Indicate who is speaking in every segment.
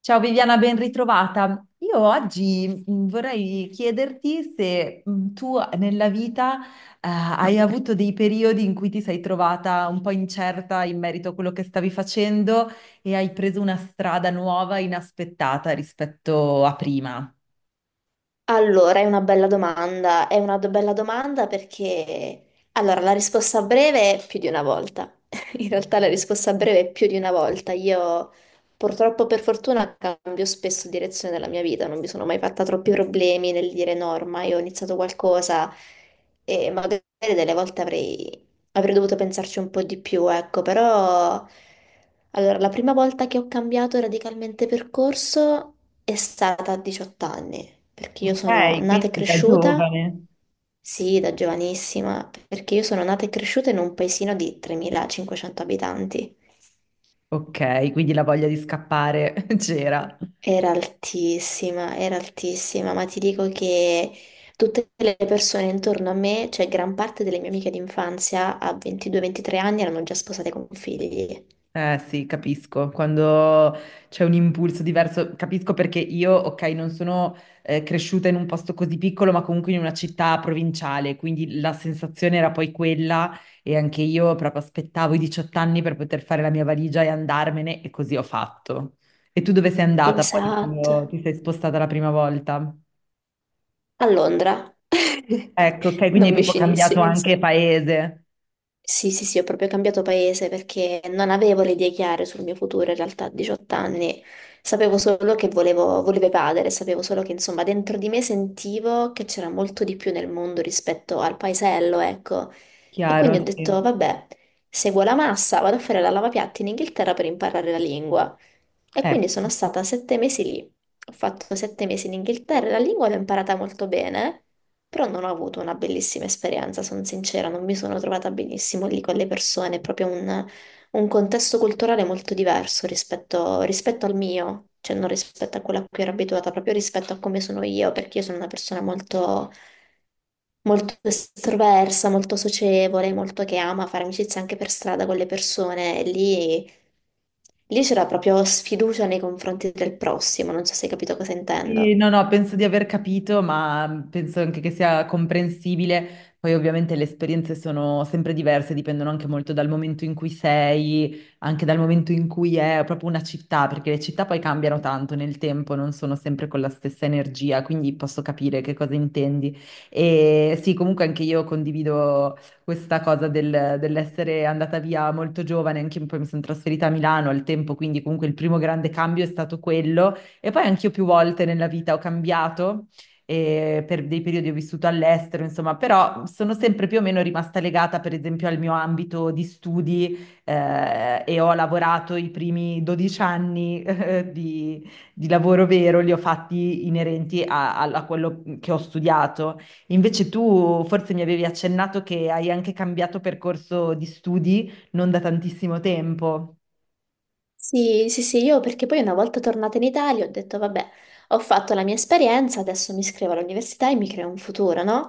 Speaker 1: Ciao Viviana, ben ritrovata. Io oggi vorrei chiederti se tu nella vita hai avuto dei periodi in cui ti sei trovata un po' incerta in merito a quello che stavi facendo e hai preso una strada nuova, inaspettata rispetto a prima.
Speaker 2: Allora, è una bella domanda, è una bella domanda perché... Allora, la risposta breve è più di una volta. In realtà la risposta breve è più di una volta. Io purtroppo per fortuna cambio spesso direzione della mia vita, non mi sono mai fatta troppi problemi nel dire no, ormai ho iniziato qualcosa e magari delle volte avrei dovuto pensarci un po' di più, ecco, però... Allora, la prima volta che ho cambiato radicalmente percorso è stata a 18 anni, perché io sono
Speaker 1: Ok,
Speaker 2: nata e
Speaker 1: quindi da
Speaker 2: cresciuta,
Speaker 1: giovane.
Speaker 2: sì, da giovanissima, perché io sono nata e cresciuta in un paesino di 3.500 abitanti.
Speaker 1: Ok, quindi la voglia di scappare c'era.
Speaker 2: Era altissima, ma ti dico che tutte le persone intorno a me, cioè gran parte delle mie amiche d'infanzia a 22-23 anni erano già sposate con figli.
Speaker 1: Eh sì, capisco, quando c'è un impulso diverso, capisco perché io, ok, non sono cresciuta in un posto così piccolo, ma comunque in una città provinciale, quindi la sensazione era poi quella e anche io proprio aspettavo i 18 anni per poter fare la mia valigia e andarmene e così ho fatto. E tu dove sei andata poi
Speaker 2: Esatto.
Speaker 1: quando ti sei spostata la prima volta?
Speaker 2: A Londra.
Speaker 1: Ecco, ok, quindi hai
Speaker 2: Non
Speaker 1: proprio cambiato
Speaker 2: vicinissimi,
Speaker 1: anche
Speaker 2: insomma.
Speaker 1: paese,
Speaker 2: Sì, sì, sì, ho proprio cambiato paese perché non avevo le idee chiare sul mio futuro in realtà a 18 anni. Sapevo solo che volevo evadere, sapevo solo che insomma dentro di me sentivo che c'era molto di più nel mondo rispetto al paesello, ecco. E quindi
Speaker 1: chiaro,
Speaker 2: ho detto,
Speaker 1: sì.
Speaker 2: vabbè, seguo la massa, vado a fare la lavapiatti in Inghilterra per imparare la lingua. E quindi sono
Speaker 1: Ecco.
Speaker 2: stata 7 mesi lì. Ho fatto 7 mesi in Inghilterra, la lingua l'ho imparata molto bene, però non ho avuto una bellissima esperienza, sono sincera, non mi sono trovata benissimo lì con le persone, è proprio un contesto culturale molto diverso rispetto al mio, cioè non rispetto a quello a cui ero abituata, proprio rispetto a come sono io, perché io sono una persona molto, molto estroversa, molto socievole, molto che ama fare amicizia anche per strada con le persone. E lì c'era proprio sfiducia nei confronti del prossimo, non so se hai capito cosa
Speaker 1: Sì,
Speaker 2: intendo.
Speaker 1: no, no, penso di aver capito, ma penso anche che sia comprensibile. Poi ovviamente le esperienze sono sempre diverse, dipendono anche molto dal momento in cui sei, anche dal momento in cui è proprio una città, perché le città poi cambiano tanto nel tempo, non sono sempre con la stessa energia, quindi posso capire che cosa intendi. E sì, comunque anche io condivido questa cosa dell'essere andata via molto giovane, anche poi mi sono trasferita a Milano al tempo, quindi comunque il primo grande cambio è stato quello. E poi anch'io più volte nella vita ho cambiato, e per dei periodi ho vissuto all'estero, insomma, però sono sempre più o meno rimasta legata, per esempio, al mio ambito di studi, e ho lavorato i primi 12 anni, di lavoro vero, li ho fatti inerenti a, a quello che ho studiato. Invece tu forse mi avevi accennato che hai anche cambiato percorso di studi non da tantissimo tempo.
Speaker 2: Sì, sì, sì, io perché poi una volta tornata in Italia ho detto, vabbè, ho fatto la mia esperienza, adesso mi iscrivo all'università e mi creo un futuro, no?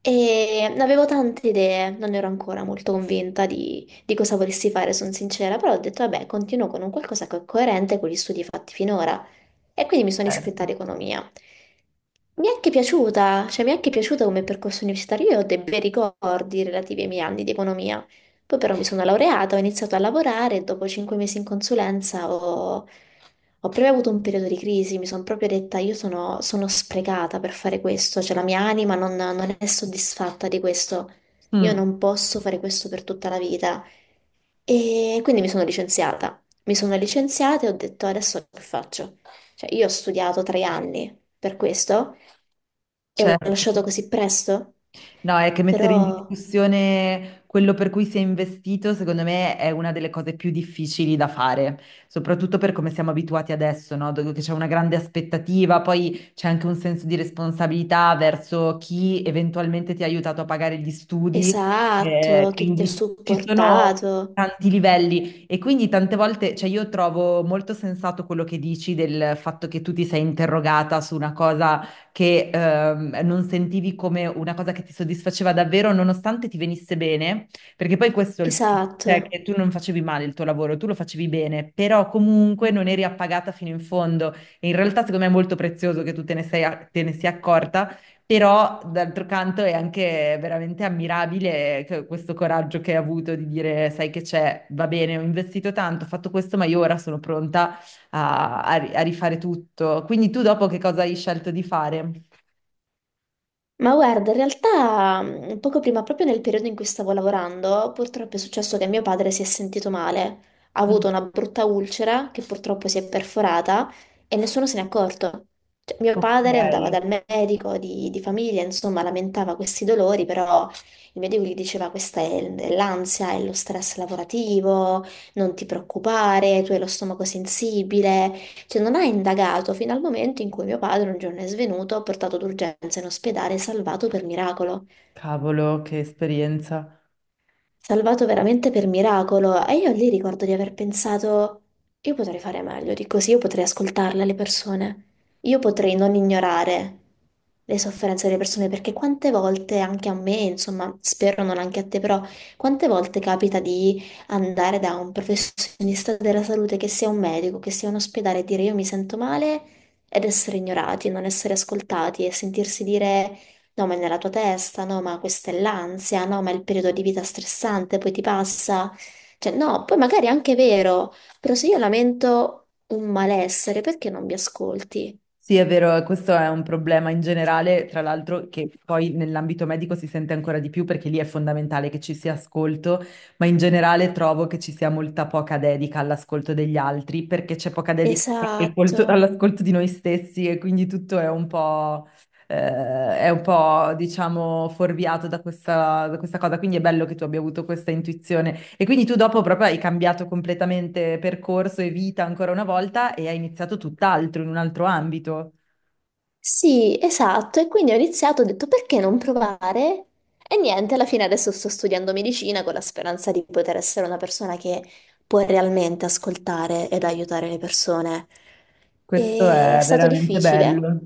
Speaker 2: E avevo tante idee, non ero ancora molto convinta di cosa volessi fare, sono sincera, però ho detto, vabbè, continuo con un qualcosa che è coerente con gli studi fatti finora. E quindi mi sono iscritta
Speaker 1: Certo.
Speaker 2: ad economia. Mi è anche piaciuta, cioè mi è anche piaciuta come percorso universitario, io ho dei bei ricordi relativi ai miei anni di economia. Poi però mi sono laureata, ho iniziato a lavorare e dopo 5 mesi in consulenza ho proprio avuto un periodo di crisi, mi sono proprio detta io sono sprecata per fare questo, cioè la mia anima non è soddisfatta di questo, io
Speaker 1: Mm,
Speaker 2: non posso fare questo per tutta la vita. E quindi mi sono licenziata e ho detto adesso che faccio? Cioè io ho studiato 3 anni per questo e ho lasciato
Speaker 1: certo.
Speaker 2: così presto,
Speaker 1: No, è che mettere in
Speaker 2: però...
Speaker 1: discussione quello per cui si è investito, secondo me, è una delle cose più difficili da fare, soprattutto per come siamo abituati adesso, no? Dove che c'è una grande aspettativa, poi c'è anche un senso di responsabilità verso chi eventualmente ti ha aiutato a pagare gli studi,
Speaker 2: Esatto, che ti ha
Speaker 1: quindi ci sono
Speaker 2: supportato.
Speaker 1: tanti livelli e quindi tante volte, cioè io trovo molto sensato quello che dici del fatto che tu ti sei interrogata su una cosa che non sentivi come una cosa che ti soddisfaceva davvero, nonostante ti venisse bene, perché poi questo è il cioè
Speaker 2: Esatto.
Speaker 1: che tu non facevi male il tuo lavoro, tu lo facevi bene, però comunque non eri appagata fino in fondo. E in realtà, secondo me, è molto prezioso che tu te ne sei, te ne sia accorta, però d'altro canto è anche veramente ammirabile questo coraggio che hai avuto di dire, sai che c'è, va bene, ho investito tanto, ho fatto questo, ma io ora sono pronta a, a rifare tutto. Quindi tu dopo che cosa hai scelto di fare?
Speaker 2: Ma guarda, in realtà, poco prima, proprio nel periodo in cui stavo lavorando, purtroppo è successo che mio padre si è sentito male. Ha avuto
Speaker 1: Mm.
Speaker 2: una brutta ulcera che purtroppo si è perforata e nessuno se n'è accorto. Cioè, mio
Speaker 1: Ok,
Speaker 2: padre andava dal medico di famiglia, insomma, lamentava questi dolori, però il medico gli diceva questa è l'ansia, è lo stress lavorativo, non ti preoccupare, tu hai lo stomaco sensibile. Cioè, non ha indagato fino al momento in cui mio padre un giorno è svenuto, portato d'urgenza in ospedale e salvato per miracolo,
Speaker 1: cavolo, che esperienza.
Speaker 2: salvato veramente per miracolo, e io lì ricordo di aver pensato, io potrei fare meglio di così, io potrei ascoltarle le persone, io potrei non ignorare le sofferenze delle persone, perché quante volte, anche a me, insomma, spero non anche a te, però quante volte capita di andare da un professionista della salute, che sia un medico, che sia un ospedale, e dire io mi sento male ed essere ignorati, non essere ascoltati e sentirsi dire... No, ma è nella tua testa, no, ma questa è l'ansia, no, ma è il periodo di vita stressante, poi ti passa. Cioè, no, poi magari è anche vero, però se io lamento un malessere, perché non mi ascolti?
Speaker 1: Sì, è vero, questo è un problema in generale, tra l'altro che poi nell'ambito medico si sente ancora di più perché lì è fondamentale che ci sia ascolto, ma in generale trovo che ci sia molta poca dedica all'ascolto degli altri perché c'è poca dedica
Speaker 2: Esatto.
Speaker 1: all'ascolto di noi stessi e quindi tutto eh, è un po', diciamo, fuorviato da questa cosa. Quindi è bello che tu abbia avuto questa intuizione. E quindi tu dopo proprio hai cambiato completamente percorso e vita ancora una volta e hai iniziato tutt'altro, in un altro ambito.
Speaker 2: Sì, esatto, e quindi ho iniziato, ho detto perché non provare? E niente, alla fine adesso sto studiando medicina con la speranza di poter essere una persona che può realmente ascoltare ed aiutare le persone.
Speaker 1: Questo
Speaker 2: E
Speaker 1: è veramente bello.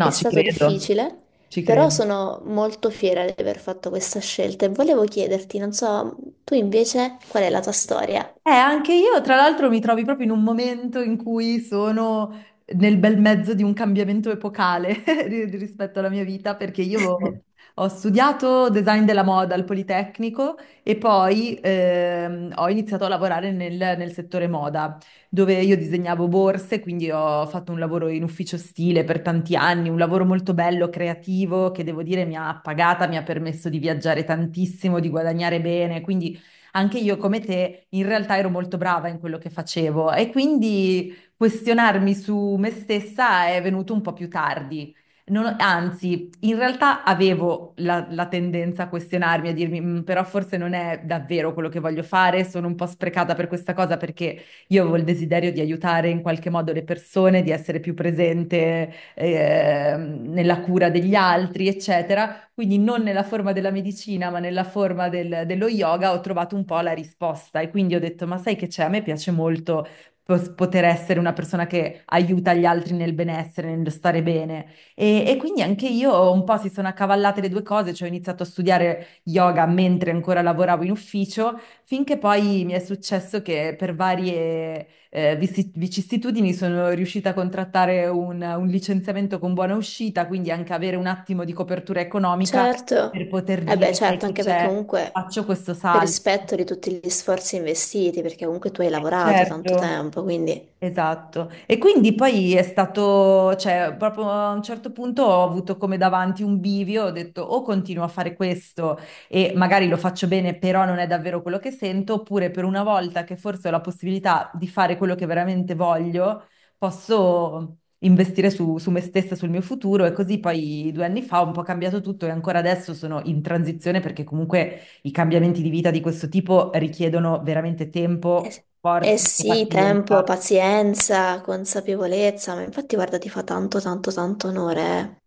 Speaker 2: è
Speaker 1: ci
Speaker 2: stato
Speaker 1: credo,
Speaker 2: difficile,
Speaker 1: ci
Speaker 2: però
Speaker 1: credo.
Speaker 2: sono molto fiera di aver fatto questa scelta e volevo chiederti, non so, tu invece qual è la tua storia?
Speaker 1: Anche io, tra l'altro, mi trovi proprio in un momento in cui sono nel bel mezzo di un cambiamento epocale rispetto alla mia vita, perché io ho studiato design della moda al Politecnico e poi ho iniziato a lavorare nel settore moda, dove io disegnavo borse, quindi ho fatto un lavoro in ufficio stile per tanti anni, un lavoro molto bello, creativo, che devo dire mi ha pagata, mi ha permesso di viaggiare tantissimo, di guadagnare bene, quindi anche io come te in realtà ero molto brava in quello che facevo e quindi questionarmi su me stessa è venuto un po' più tardi. Non- anzi, in realtà avevo la tendenza a questionarmi, a dirmi, "Mm, però forse non è davvero quello che voglio fare, sono un po' sprecata per questa cosa perché io avevo il desiderio di aiutare in qualche modo le persone, di essere più presente, nella cura degli altri, eccetera, quindi non nella forma della medicina, ma nella forma dello yoga, ho trovato un po' la risposta e quindi ho detto, ma sai che c'è? A me piace molto poter essere una persona che aiuta gli altri nel benessere, nello stare bene. E quindi anche io un po' si sono accavallate le due cose, cioè ho iniziato a studiare yoga mentre ancora lavoravo in ufficio, finché poi mi è successo che per varie vicissitudini sono riuscita a contrattare un licenziamento con buona uscita, quindi anche avere un attimo di copertura economica
Speaker 2: Certo,
Speaker 1: per poter
Speaker 2: eh beh,
Speaker 1: dire, sai
Speaker 2: certo,
Speaker 1: che
Speaker 2: anche perché
Speaker 1: c'è,
Speaker 2: comunque
Speaker 1: faccio questo
Speaker 2: per
Speaker 1: salto.
Speaker 2: rispetto di tutti gli sforzi investiti, perché comunque tu hai lavorato tanto
Speaker 1: Certo.
Speaker 2: tempo, quindi
Speaker 1: Esatto. E quindi poi è stato, cioè, proprio a un certo punto ho avuto come davanti un bivio, ho detto o continuo a fare questo e magari lo faccio bene, però non è davvero quello che sento, oppure per una volta che forse ho la possibilità di fare quello che veramente voglio, posso investire su me stessa, sul mio futuro e così poi due anni fa ho un po' cambiato tutto e ancora adesso sono in transizione perché comunque i cambiamenti di vita di questo tipo richiedono veramente tempo,
Speaker 2: eh, eh
Speaker 1: forze e
Speaker 2: sì, tempo,
Speaker 1: pazienza.
Speaker 2: pazienza, consapevolezza, ma infatti guarda, ti fa tanto, tanto, tanto onore, eh.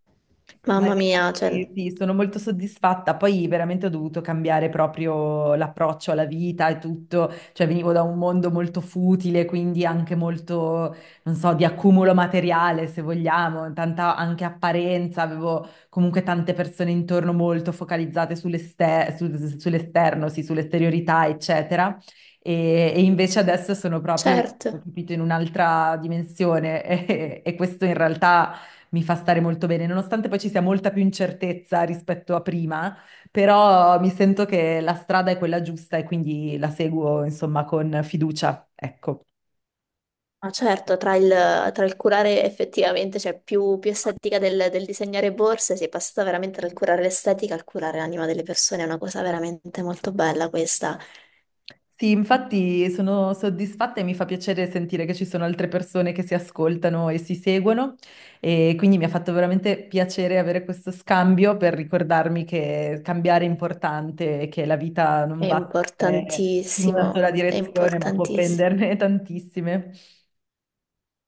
Speaker 1: Ma
Speaker 2: Mamma mia, cioè,
Speaker 1: infatti sì, sono molto soddisfatta. Poi veramente ho dovuto cambiare proprio l'approccio alla vita e tutto. Cioè venivo da un mondo molto futile, quindi anche molto, non so, di accumulo materiale, se vogliamo, tanta anche apparenza. Avevo comunque tante persone intorno molto focalizzate sull'esterno, sì, sull'esteriorità, eccetera. E invece adesso sono proprio, ho
Speaker 2: certo,
Speaker 1: capito, in un'altra dimensione e questo in realtà mi fa stare molto bene, nonostante poi ci sia molta più incertezza rispetto a prima, però mi sento che la strada è quella giusta e quindi la seguo, insomma, con fiducia, ecco.
Speaker 2: ma certo, tra il curare effettivamente, cioè più estetica del disegnare borse, si è passata veramente dal curare l'estetica al curare l'anima delle persone, è una cosa veramente molto bella questa.
Speaker 1: Sì, infatti sono soddisfatta e mi fa piacere sentire che ci sono altre persone che si ascoltano e si seguono e quindi mi ha fatto veramente piacere avere questo scambio per ricordarmi che cambiare è importante e che la vita non
Speaker 2: È
Speaker 1: va sempre in una sola
Speaker 2: importantissimo, è
Speaker 1: direzione, ma può
Speaker 2: importantissimo.
Speaker 1: prenderne tantissime.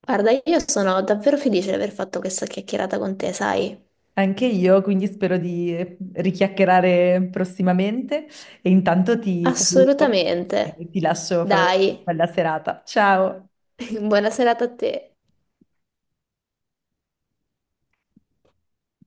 Speaker 2: Guarda, io sono davvero felice di aver fatto questa chiacchierata con te, sai?
Speaker 1: Anche io, quindi spero di richiacchierare prossimamente e intanto ti saluto e
Speaker 2: Assolutamente.
Speaker 1: ti lascio fare una
Speaker 2: Dai,
Speaker 1: bella serata. Ciao!
Speaker 2: buona serata a te.